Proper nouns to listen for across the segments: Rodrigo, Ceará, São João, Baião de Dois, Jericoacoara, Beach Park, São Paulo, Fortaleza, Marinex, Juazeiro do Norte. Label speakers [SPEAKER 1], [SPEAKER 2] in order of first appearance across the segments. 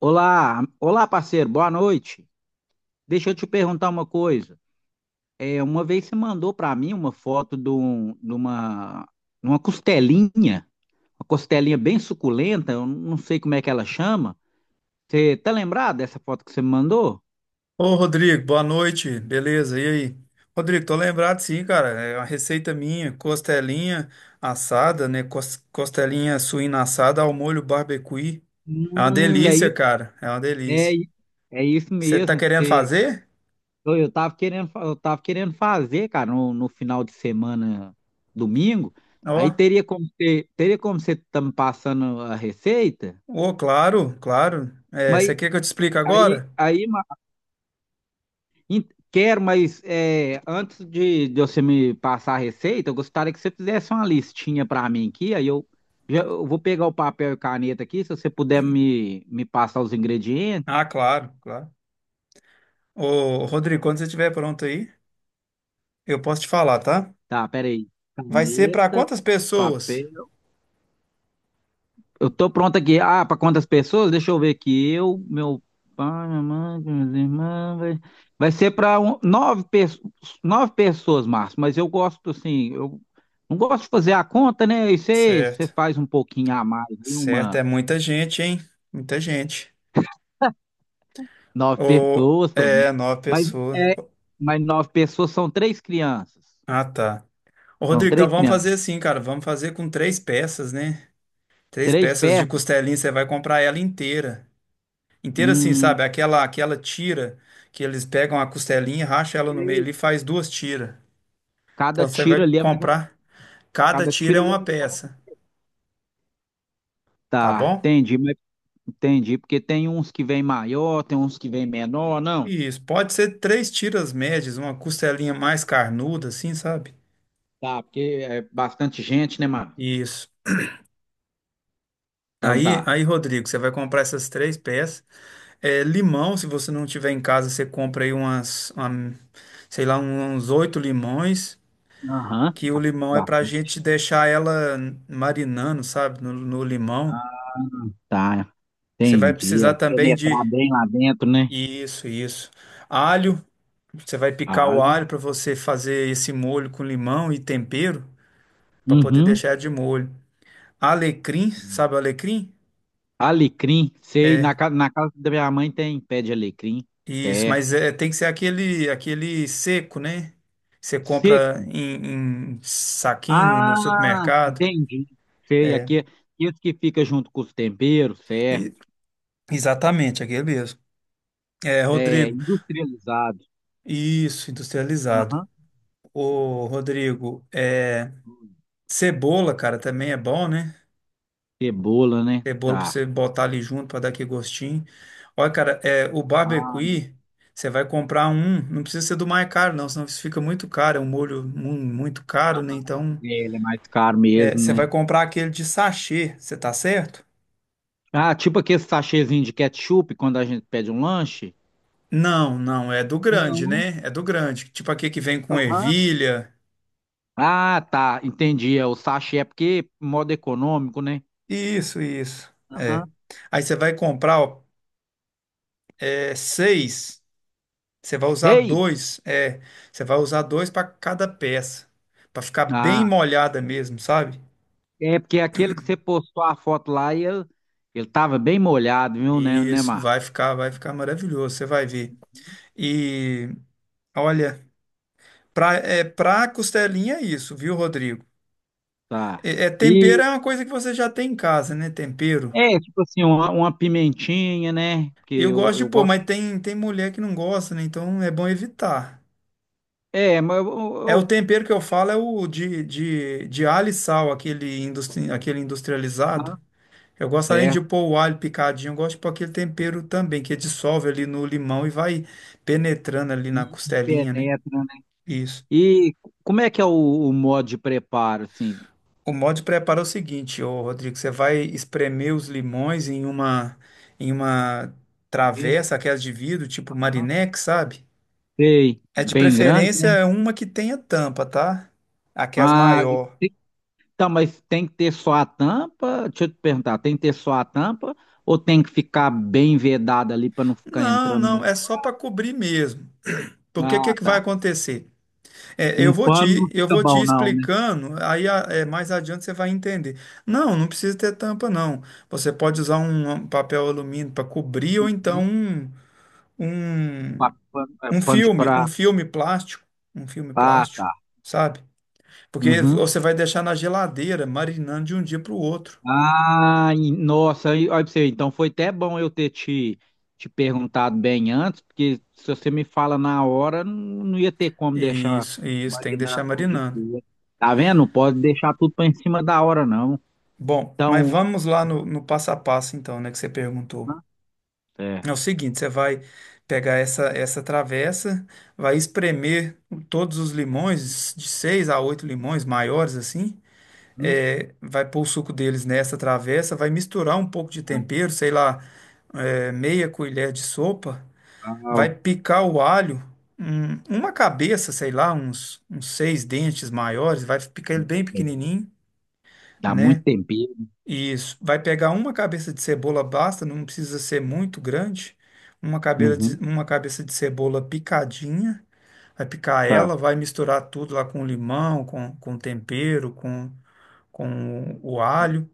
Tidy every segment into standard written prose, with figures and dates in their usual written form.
[SPEAKER 1] Olá, olá parceiro, boa noite. Deixa eu te perguntar uma coisa. Uma vez você mandou para mim uma foto de uma costelinha bem suculenta, eu não sei como é que ela chama. Você tá lembrado dessa foto que você me mandou?
[SPEAKER 2] Ô, Rodrigo, boa noite, beleza? E aí? Rodrigo, tô lembrado sim, cara, é uma receita minha, costelinha assada, né? Costelinha suína assada ao molho barbecue. É uma
[SPEAKER 1] É
[SPEAKER 2] delícia,
[SPEAKER 1] isso,
[SPEAKER 2] cara, é uma
[SPEAKER 1] é,
[SPEAKER 2] delícia.
[SPEAKER 1] i- é isso
[SPEAKER 2] Você tá
[SPEAKER 1] mesmo que
[SPEAKER 2] querendo
[SPEAKER 1] você.
[SPEAKER 2] fazer?
[SPEAKER 1] Eu tava querendo, eu tava querendo fazer, cara, no final de semana, domingo.
[SPEAKER 2] Ó,
[SPEAKER 1] Aí teria como você tá me passando a receita?
[SPEAKER 2] ô, claro, claro. É, você quer que eu te explique
[SPEAKER 1] Aí,
[SPEAKER 2] agora?
[SPEAKER 1] aí ma- Quero, mas é, de você me passar a receita, eu gostaria que você fizesse uma listinha para mim aqui. Eu vou pegar o papel e caneta aqui, se você puder me passar os ingredientes.
[SPEAKER 2] Ah, claro, claro. Ô, Rodrigo, quando você estiver pronto aí, eu posso te falar, tá?
[SPEAKER 1] Tá, peraí.
[SPEAKER 2] Vai ser para
[SPEAKER 1] Caneta,
[SPEAKER 2] quantas pessoas?
[SPEAKER 1] papel. Eu tô pronto aqui. Ah, para quantas pessoas? Deixa eu ver aqui. Eu, meu pai, minha mãe, minhas irmãs. Vai ser para nove, nove pessoas, Márcio. Mas eu gosto, assim, eu não gosto de fazer a conta, né? E você
[SPEAKER 2] Certo,
[SPEAKER 1] faz um pouquinho a mais, hein?
[SPEAKER 2] certo, é
[SPEAKER 1] Uma
[SPEAKER 2] muita gente, hein? Muita gente.
[SPEAKER 1] nove
[SPEAKER 2] Ou
[SPEAKER 1] pessoas, tô, né?
[SPEAKER 2] é, nova
[SPEAKER 1] Mas,
[SPEAKER 2] pessoa.
[SPEAKER 1] é, mas nove pessoas são três crianças.
[SPEAKER 2] Ah, tá. Ô,
[SPEAKER 1] São
[SPEAKER 2] Rodrigo, então
[SPEAKER 1] três
[SPEAKER 2] vamos
[SPEAKER 1] crianças.
[SPEAKER 2] fazer assim, cara. Vamos fazer com três peças, né? Três
[SPEAKER 1] Três
[SPEAKER 2] peças de
[SPEAKER 1] pés.
[SPEAKER 2] costelinha, você vai comprar ela inteira. Inteira assim,
[SPEAKER 1] Hum,
[SPEAKER 2] sabe? Aquela tira que eles pegam a costelinha, racha ela no meio ali e faz duas tiras.
[SPEAKER 1] cada
[SPEAKER 2] Então você vai
[SPEAKER 1] tiro ali é mais ou menos.
[SPEAKER 2] comprar, cada
[SPEAKER 1] Cada
[SPEAKER 2] tira
[SPEAKER 1] tiro
[SPEAKER 2] é
[SPEAKER 1] ali é
[SPEAKER 2] uma
[SPEAKER 1] mais ou menos.
[SPEAKER 2] peça, tá
[SPEAKER 1] Tá,
[SPEAKER 2] bom?
[SPEAKER 1] entendi. Entendi, porque tem uns que vem maior, tem uns que vem menor, não?
[SPEAKER 2] Isso, pode ser três tiras médias, uma costelinha mais carnuda assim, sabe?
[SPEAKER 1] Tá, porque é bastante gente, né, mano?
[SPEAKER 2] Isso.
[SPEAKER 1] Então
[SPEAKER 2] Aí,
[SPEAKER 1] tá.
[SPEAKER 2] aí, Rodrigo, você vai comprar essas três peças. É, limão, se você não tiver em casa, você compra aí umas, sei lá, uns oito limões,
[SPEAKER 1] Aham,
[SPEAKER 2] que o limão é pra gente
[SPEAKER 1] bastante.
[SPEAKER 2] deixar ela marinando, sabe, no limão.
[SPEAKER 1] Ah, tá,
[SPEAKER 2] Você vai
[SPEAKER 1] entendi.
[SPEAKER 2] precisar
[SPEAKER 1] É
[SPEAKER 2] também
[SPEAKER 1] penetrar
[SPEAKER 2] de
[SPEAKER 1] bem lá dentro, né?
[SPEAKER 2] isso, isso. Alho, você vai picar o
[SPEAKER 1] Alho.
[SPEAKER 2] alho para você fazer esse molho com limão e tempero, para poder
[SPEAKER 1] Uhum.
[SPEAKER 2] deixar de molho. Alecrim, sabe o alecrim?
[SPEAKER 1] Alecrim, sei,
[SPEAKER 2] É,
[SPEAKER 1] na casa da minha mãe tem pé de alecrim,
[SPEAKER 2] isso, mas
[SPEAKER 1] certo.
[SPEAKER 2] é, tem que ser aquele seco, né? Você
[SPEAKER 1] Seco.
[SPEAKER 2] compra em saquinho no
[SPEAKER 1] Ah,
[SPEAKER 2] supermercado.
[SPEAKER 1] entendi. Sei,
[SPEAKER 2] É,
[SPEAKER 1] aqui esse que fica junto com os temperos, certo.
[SPEAKER 2] e- exatamente, aquele mesmo. É,
[SPEAKER 1] É,
[SPEAKER 2] Rodrigo,
[SPEAKER 1] industrializado.
[SPEAKER 2] isso, industrializado.
[SPEAKER 1] Aham.
[SPEAKER 2] Ô, Rodrigo, é, cebola, cara, também é bom, né?
[SPEAKER 1] Cebola, né?
[SPEAKER 2] Cebola pra você
[SPEAKER 1] Tá.
[SPEAKER 2] botar ali junto pra dar aquele gostinho. Olha, cara, é, o
[SPEAKER 1] Ah,
[SPEAKER 2] barbecue, você vai comprar um, não precisa ser do mais caro, não, senão isso fica muito caro, é um molho muito caro, né? Então.
[SPEAKER 1] ele é mais caro
[SPEAKER 2] É,
[SPEAKER 1] mesmo,
[SPEAKER 2] você vai
[SPEAKER 1] né?
[SPEAKER 2] comprar aquele de sachê, você tá certo?
[SPEAKER 1] Ah, tipo aquele sachêzinho de ketchup quando a gente pede um lanche?
[SPEAKER 2] Não, não, é do grande,
[SPEAKER 1] Não,
[SPEAKER 2] né? É do grande. Tipo aquele que vem com
[SPEAKER 1] aham.
[SPEAKER 2] ervilha.
[SPEAKER 1] Ah, tá, entendi. É o sachê, é porque modo econômico, né?
[SPEAKER 2] Isso, isso. É.
[SPEAKER 1] Aham.
[SPEAKER 2] Aí você vai comprar, ó, é, seis. Você vai usar
[SPEAKER 1] Sei.
[SPEAKER 2] dois. É, você vai usar dois para cada peça. Para ficar bem
[SPEAKER 1] Ah,
[SPEAKER 2] molhada mesmo, sabe?
[SPEAKER 1] é porque aquele que você postou a foto lá, e ele tava bem molhado, viu, né,
[SPEAKER 2] Isso,
[SPEAKER 1] Mar?
[SPEAKER 2] vai ficar maravilhoso, você vai ver. E olha, pra costelinha é isso, viu, Rodrigo?
[SPEAKER 1] Tá.
[SPEAKER 2] Tempero
[SPEAKER 1] E
[SPEAKER 2] é uma coisa que você já tem em casa, né? Tempero.
[SPEAKER 1] é, tipo assim, uma pimentinha, né? Porque
[SPEAKER 2] Eu gosto de
[SPEAKER 1] eu
[SPEAKER 2] pôr,
[SPEAKER 1] gosto.
[SPEAKER 2] mas tem mulher que não gosta, né? Então é bom evitar.
[SPEAKER 1] É, mas
[SPEAKER 2] É o tempero que eu falo é o de alho e sal, aquele, aquele industrializado.
[SPEAKER 1] aham.
[SPEAKER 2] Eu gosto além de
[SPEAKER 1] Certo.
[SPEAKER 2] pôr o alho picadinho, eu gosto de pôr aquele tempero também, que dissolve ali no limão e vai penetrando ali na
[SPEAKER 1] E, e
[SPEAKER 2] costelinha, né?
[SPEAKER 1] penetra, né?
[SPEAKER 2] Isso.
[SPEAKER 1] E como é que é o modo de preparo, assim?
[SPEAKER 2] O modo de preparo é o seguinte, ô Rodrigo, você vai espremer os limões em uma
[SPEAKER 1] Verde,
[SPEAKER 2] travessa, aquelas de vidro, tipo
[SPEAKER 1] aham.
[SPEAKER 2] Marinex, sabe?
[SPEAKER 1] Sei,
[SPEAKER 2] É de
[SPEAKER 1] bem grande,
[SPEAKER 2] preferência
[SPEAKER 1] né?
[SPEAKER 2] é uma que tenha tampa, tá? Aqui as
[SPEAKER 1] Ah, e
[SPEAKER 2] maior.
[SPEAKER 1] tem- tá, mas tem que ter só a tampa? Deixa eu te perguntar, tem que ter só a tampa ou tem que ficar bem vedada ali para não ficar
[SPEAKER 2] Não,
[SPEAKER 1] entrando
[SPEAKER 2] não,
[SPEAKER 1] muito?
[SPEAKER 2] é só para cobrir mesmo. Porque o que
[SPEAKER 1] Ah,
[SPEAKER 2] que vai
[SPEAKER 1] tá.
[SPEAKER 2] acontecer? É,
[SPEAKER 1] Um
[SPEAKER 2] eu vou
[SPEAKER 1] pano não
[SPEAKER 2] te, eu
[SPEAKER 1] fica
[SPEAKER 2] vou te
[SPEAKER 1] bom, não, né?
[SPEAKER 2] explicando, mais adiante você vai entender. Não, não precisa ter tampa, não. Você pode usar um papel alumínio para cobrir ou então
[SPEAKER 1] Uhum.
[SPEAKER 2] um,
[SPEAKER 1] Pano, é,
[SPEAKER 2] um
[SPEAKER 1] pano de
[SPEAKER 2] filme, um
[SPEAKER 1] prato.
[SPEAKER 2] filme plástico, um filme
[SPEAKER 1] Ah,
[SPEAKER 2] plástico,
[SPEAKER 1] tá.
[SPEAKER 2] sabe? Porque
[SPEAKER 1] Uhum.
[SPEAKER 2] você vai deixar na geladeira, marinando de um dia para o outro.
[SPEAKER 1] Nossa, aí, olha pra você, então foi até bom eu ter te perguntado bem antes, porque se você me fala na hora, não, não ia ter como deixar
[SPEAKER 2] Isso, tem que deixar
[SPEAKER 1] marinando um dia pro
[SPEAKER 2] marinando.
[SPEAKER 1] outro. Tá vendo? Não pode deixar tudo pra em cima da hora, não.
[SPEAKER 2] Bom, mas
[SPEAKER 1] Então,
[SPEAKER 2] vamos lá no passo a passo, então, né, que você perguntou.
[SPEAKER 1] hã?
[SPEAKER 2] É o
[SPEAKER 1] Certo.
[SPEAKER 2] seguinte, você vai pegar essa travessa, vai espremer todos os limões, de seis a oito limões maiores, assim,
[SPEAKER 1] Hum,
[SPEAKER 2] é, vai pôr o suco deles nessa travessa, vai misturar um pouco de tempero, sei lá, é, meia colher de sopa, vai
[SPEAKER 1] tal.
[SPEAKER 2] picar o alho, uma cabeça, sei lá, uns seis dentes maiores, vai picar ele bem
[SPEAKER 1] É,
[SPEAKER 2] pequenininho,
[SPEAKER 1] dá muito
[SPEAKER 2] né?
[SPEAKER 1] tempero.
[SPEAKER 2] Isso. Vai pegar uma cabeça de cebola, basta, não precisa ser muito grande. Uma cabeça
[SPEAKER 1] Uhum,
[SPEAKER 2] de, uma cabeça de cebola picadinha. Vai picar
[SPEAKER 1] tá.
[SPEAKER 2] ela, vai misturar tudo lá com limão, com tempero, com o alho.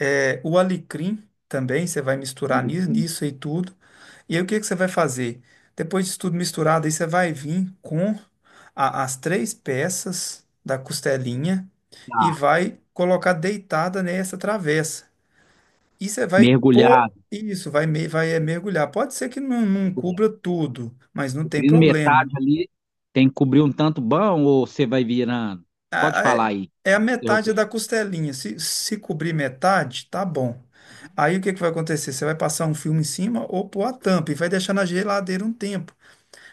[SPEAKER 2] É, o alecrim também, você vai misturar
[SPEAKER 1] Tudo
[SPEAKER 2] nisso,
[SPEAKER 1] bem.
[SPEAKER 2] nisso e tudo. E aí o que que você vai fazer? Depois disso tudo misturado, aí você vai vir com as três peças da costelinha e
[SPEAKER 1] Tá.
[SPEAKER 2] vai colocar deitada nessa travessa. E você vai pôr
[SPEAKER 1] Mergulhado,
[SPEAKER 2] isso, vai mergulhar. Pode ser que não, não
[SPEAKER 1] mergulhado.
[SPEAKER 2] cubra tudo, mas não tem
[SPEAKER 1] Cobrindo
[SPEAKER 2] problema.
[SPEAKER 1] metade ali, tem que cobrir um tanto bom ou você vai virando? Pode
[SPEAKER 2] A-
[SPEAKER 1] falar
[SPEAKER 2] a-
[SPEAKER 1] aí,
[SPEAKER 2] é a metade
[SPEAKER 1] interromper.
[SPEAKER 2] da costelinha. Se cobrir metade, tá bom. Aí o que que vai acontecer? Você vai passar um filme em cima ou pôr a tampa e vai deixar na geladeira um tempo.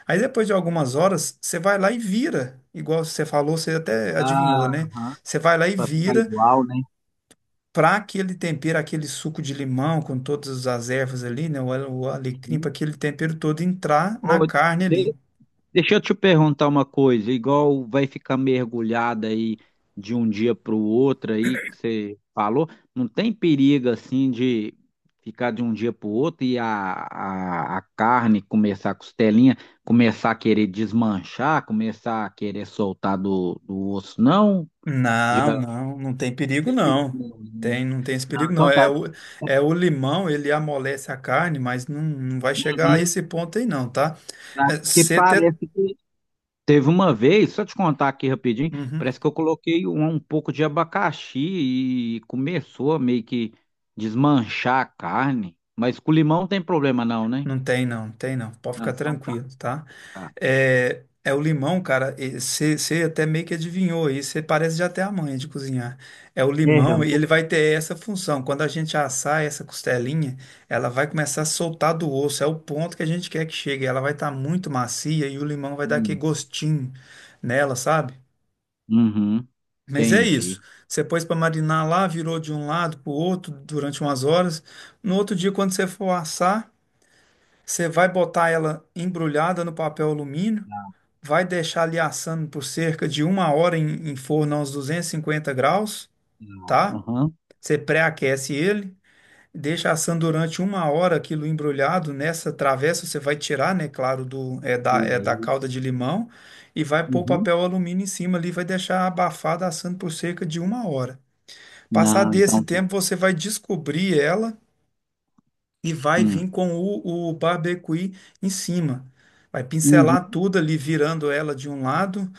[SPEAKER 2] Aí depois de algumas horas, você vai lá e vira. Igual você falou, você até adivinhou,
[SPEAKER 1] Ah,
[SPEAKER 2] né?
[SPEAKER 1] aham.
[SPEAKER 2] Você vai lá e
[SPEAKER 1] Pra ficar
[SPEAKER 2] vira,
[SPEAKER 1] igual, né?
[SPEAKER 2] para aquele tempero, aquele suco de limão com todas as ervas ali, né? O alecrim, para
[SPEAKER 1] Uhum.
[SPEAKER 2] aquele tempero todo entrar na
[SPEAKER 1] Ô,
[SPEAKER 2] carne ali.
[SPEAKER 1] de- deixa eu te perguntar uma coisa, igual vai ficar mergulhada aí de um dia para o outro aí que você falou, não tem perigo assim de ficar de um dia para o outro e a carne começar, a costelinha, começar a querer desmanchar, começar a querer soltar do osso, não? Já...
[SPEAKER 2] Não,
[SPEAKER 1] Não,
[SPEAKER 2] não, não tem perigo
[SPEAKER 1] tem perigo
[SPEAKER 2] não.
[SPEAKER 1] não, né?
[SPEAKER 2] Tem, não tem esse
[SPEAKER 1] Não,
[SPEAKER 2] perigo não.
[SPEAKER 1] então
[SPEAKER 2] É
[SPEAKER 1] tá.
[SPEAKER 2] o, é o limão, ele amolece a carne, mas não, não vai chegar a
[SPEAKER 1] Uhum.
[SPEAKER 2] esse ponto aí não, tá?
[SPEAKER 1] Tá.
[SPEAKER 2] É,
[SPEAKER 1] Porque
[SPEAKER 2] você até...
[SPEAKER 1] parece que teve uma vez, só te contar aqui rapidinho,
[SPEAKER 2] Uhum.
[SPEAKER 1] parece que eu coloquei um pouco de abacaxi e começou a meio que desmanchar a carne. Mas com limão tem problema não, né?
[SPEAKER 2] Não tem não, tem não. Pode
[SPEAKER 1] Ah,
[SPEAKER 2] ficar
[SPEAKER 1] então tá,
[SPEAKER 2] tranquilo, tá?
[SPEAKER 1] tá.
[SPEAKER 2] É o limão, cara. Você até meio que adivinhou aí. Você parece já ter a manha de cozinhar. É o
[SPEAKER 1] É,
[SPEAKER 2] limão
[SPEAKER 1] um
[SPEAKER 2] e
[SPEAKER 1] pouco.
[SPEAKER 2] ele vai ter essa função. Quando a gente assar essa costelinha, ela vai começar a soltar do osso. É o ponto que a gente quer que chegue. Ela vai estar muito macia e o limão vai dar aquele
[SPEAKER 1] Hum.
[SPEAKER 2] gostinho nela, sabe?
[SPEAKER 1] Uhum,
[SPEAKER 2] Mas é isso.
[SPEAKER 1] entendi.
[SPEAKER 2] Você pôs para marinar lá, virou de um lado para o outro durante umas horas. No outro dia, quando você for assar você vai botar ela embrulhada no papel alumínio, vai deixar ali assando por cerca de uma hora em forno a uns 250 graus, tá?
[SPEAKER 1] Aham,
[SPEAKER 2] Você pré-aquece ele, deixa assando durante uma hora aquilo embrulhado. Nessa travessa você vai tirar, né, claro, do, é da
[SPEAKER 1] beleza.
[SPEAKER 2] calda de limão e vai pôr o
[SPEAKER 1] Uhum.
[SPEAKER 2] papel alumínio em cima ali, vai deixar abafada assando por cerca de uma hora. Passar
[SPEAKER 1] Não,
[SPEAKER 2] desse
[SPEAKER 1] então tá.
[SPEAKER 2] tempo, você vai descobrir ela e vai vir
[SPEAKER 1] Hum.
[SPEAKER 2] com o barbecue em cima. Vai pincelar
[SPEAKER 1] Uhum.
[SPEAKER 2] tudo ali, virando ela de um lado,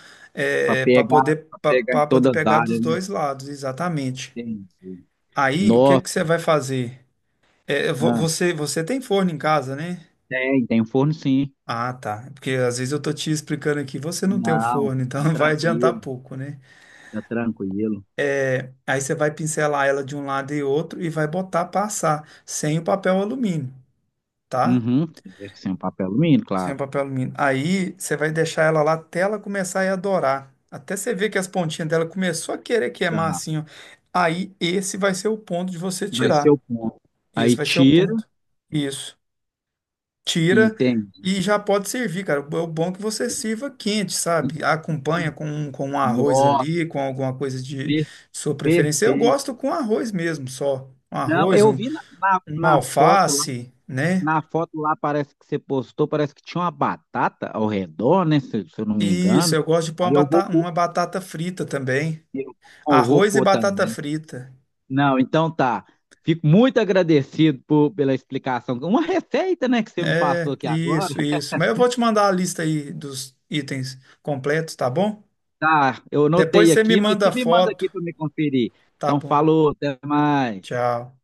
[SPEAKER 1] Para
[SPEAKER 2] para
[SPEAKER 1] pegar,
[SPEAKER 2] poder,
[SPEAKER 1] para pegar em
[SPEAKER 2] para poder
[SPEAKER 1] todas as
[SPEAKER 2] pegar dos
[SPEAKER 1] áreas, né?
[SPEAKER 2] dois lados, exatamente.
[SPEAKER 1] Entendi.
[SPEAKER 2] Aí, o que
[SPEAKER 1] Nossa,
[SPEAKER 2] que você vai fazer? É, vo-
[SPEAKER 1] ah,
[SPEAKER 2] você, você tem forno em casa, né?
[SPEAKER 1] tem, tem um forno sim.
[SPEAKER 2] Ah, tá. Porque às vezes eu tô te explicando aqui, você não tem um
[SPEAKER 1] Não,
[SPEAKER 2] forno, então
[SPEAKER 1] tá
[SPEAKER 2] vai adiantar
[SPEAKER 1] tranquilo,
[SPEAKER 2] pouco, né?
[SPEAKER 1] tá tranquilo.
[SPEAKER 2] Aí você vai pincelar ela de um lado e outro e vai botar passar sem o papel alumínio, tá?
[SPEAKER 1] Uhum. Sem o papel alumínio,
[SPEAKER 2] Sem
[SPEAKER 1] claro.
[SPEAKER 2] papel alumínio. Aí você vai deixar ela lá até ela começar a adorar. Até você ver que as pontinhas dela começou a querer queimar
[SPEAKER 1] Tá.
[SPEAKER 2] assim, ó. Aí esse vai ser o ponto de você
[SPEAKER 1] Vai ser
[SPEAKER 2] tirar.
[SPEAKER 1] o ponto.
[SPEAKER 2] Esse
[SPEAKER 1] Aí
[SPEAKER 2] vai ser o
[SPEAKER 1] tira,
[SPEAKER 2] ponto. Isso. Tira
[SPEAKER 1] entende?
[SPEAKER 2] e já pode servir, cara. O bom é que você sirva quente, sabe? Acompanha com um arroz
[SPEAKER 1] Nossa,
[SPEAKER 2] ali, com alguma coisa de
[SPEAKER 1] per-
[SPEAKER 2] sua preferência. Eu
[SPEAKER 1] perfeito.
[SPEAKER 2] gosto com arroz mesmo, só. Um
[SPEAKER 1] Não,
[SPEAKER 2] arroz,
[SPEAKER 1] eu vi
[SPEAKER 2] uma alface, né?
[SPEAKER 1] na foto lá parece que você postou, parece que tinha uma batata ao redor, né? Se eu não me
[SPEAKER 2] Isso,
[SPEAKER 1] engano.
[SPEAKER 2] eu gosto de pôr uma
[SPEAKER 1] Aí eu vou,
[SPEAKER 2] batata,
[SPEAKER 1] pôr-
[SPEAKER 2] uma batata frita também.
[SPEAKER 1] eu, eu vou
[SPEAKER 2] Arroz e
[SPEAKER 1] pôr
[SPEAKER 2] batata
[SPEAKER 1] também.
[SPEAKER 2] frita.
[SPEAKER 1] Não, então tá. Fico muito agradecido por, pela explicação. Uma receita, né, que você me passou
[SPEAKER 2] É,
[SPEAKER 1] aqui agora.
[SPEAKER 2] isso, isso. Mas eu vou te mandar a lista aí dos itens completos, tá bom?
[SPEAKER 1] Tá, eu
[SPEAKER 2] Depois
[SPEAKER 1] anotei
[SPEAKER 2] você me
[SPEAKER 1] aqui, mas
[SPEAKER 2] manda
[SPEAKER 1] você
[SPEAKER 2] a
[SPEAKER 1] me manda aqui
[SPEAKER 2] foto,
[SPEAKER 1] para me conferir.
[SPEAKER 2] tá
[SPEAKER 1] Então,
[SPEAKER 2] bom?
[SPEAKER 1] falou, até mais.
[SPEAKER 2] Tchau.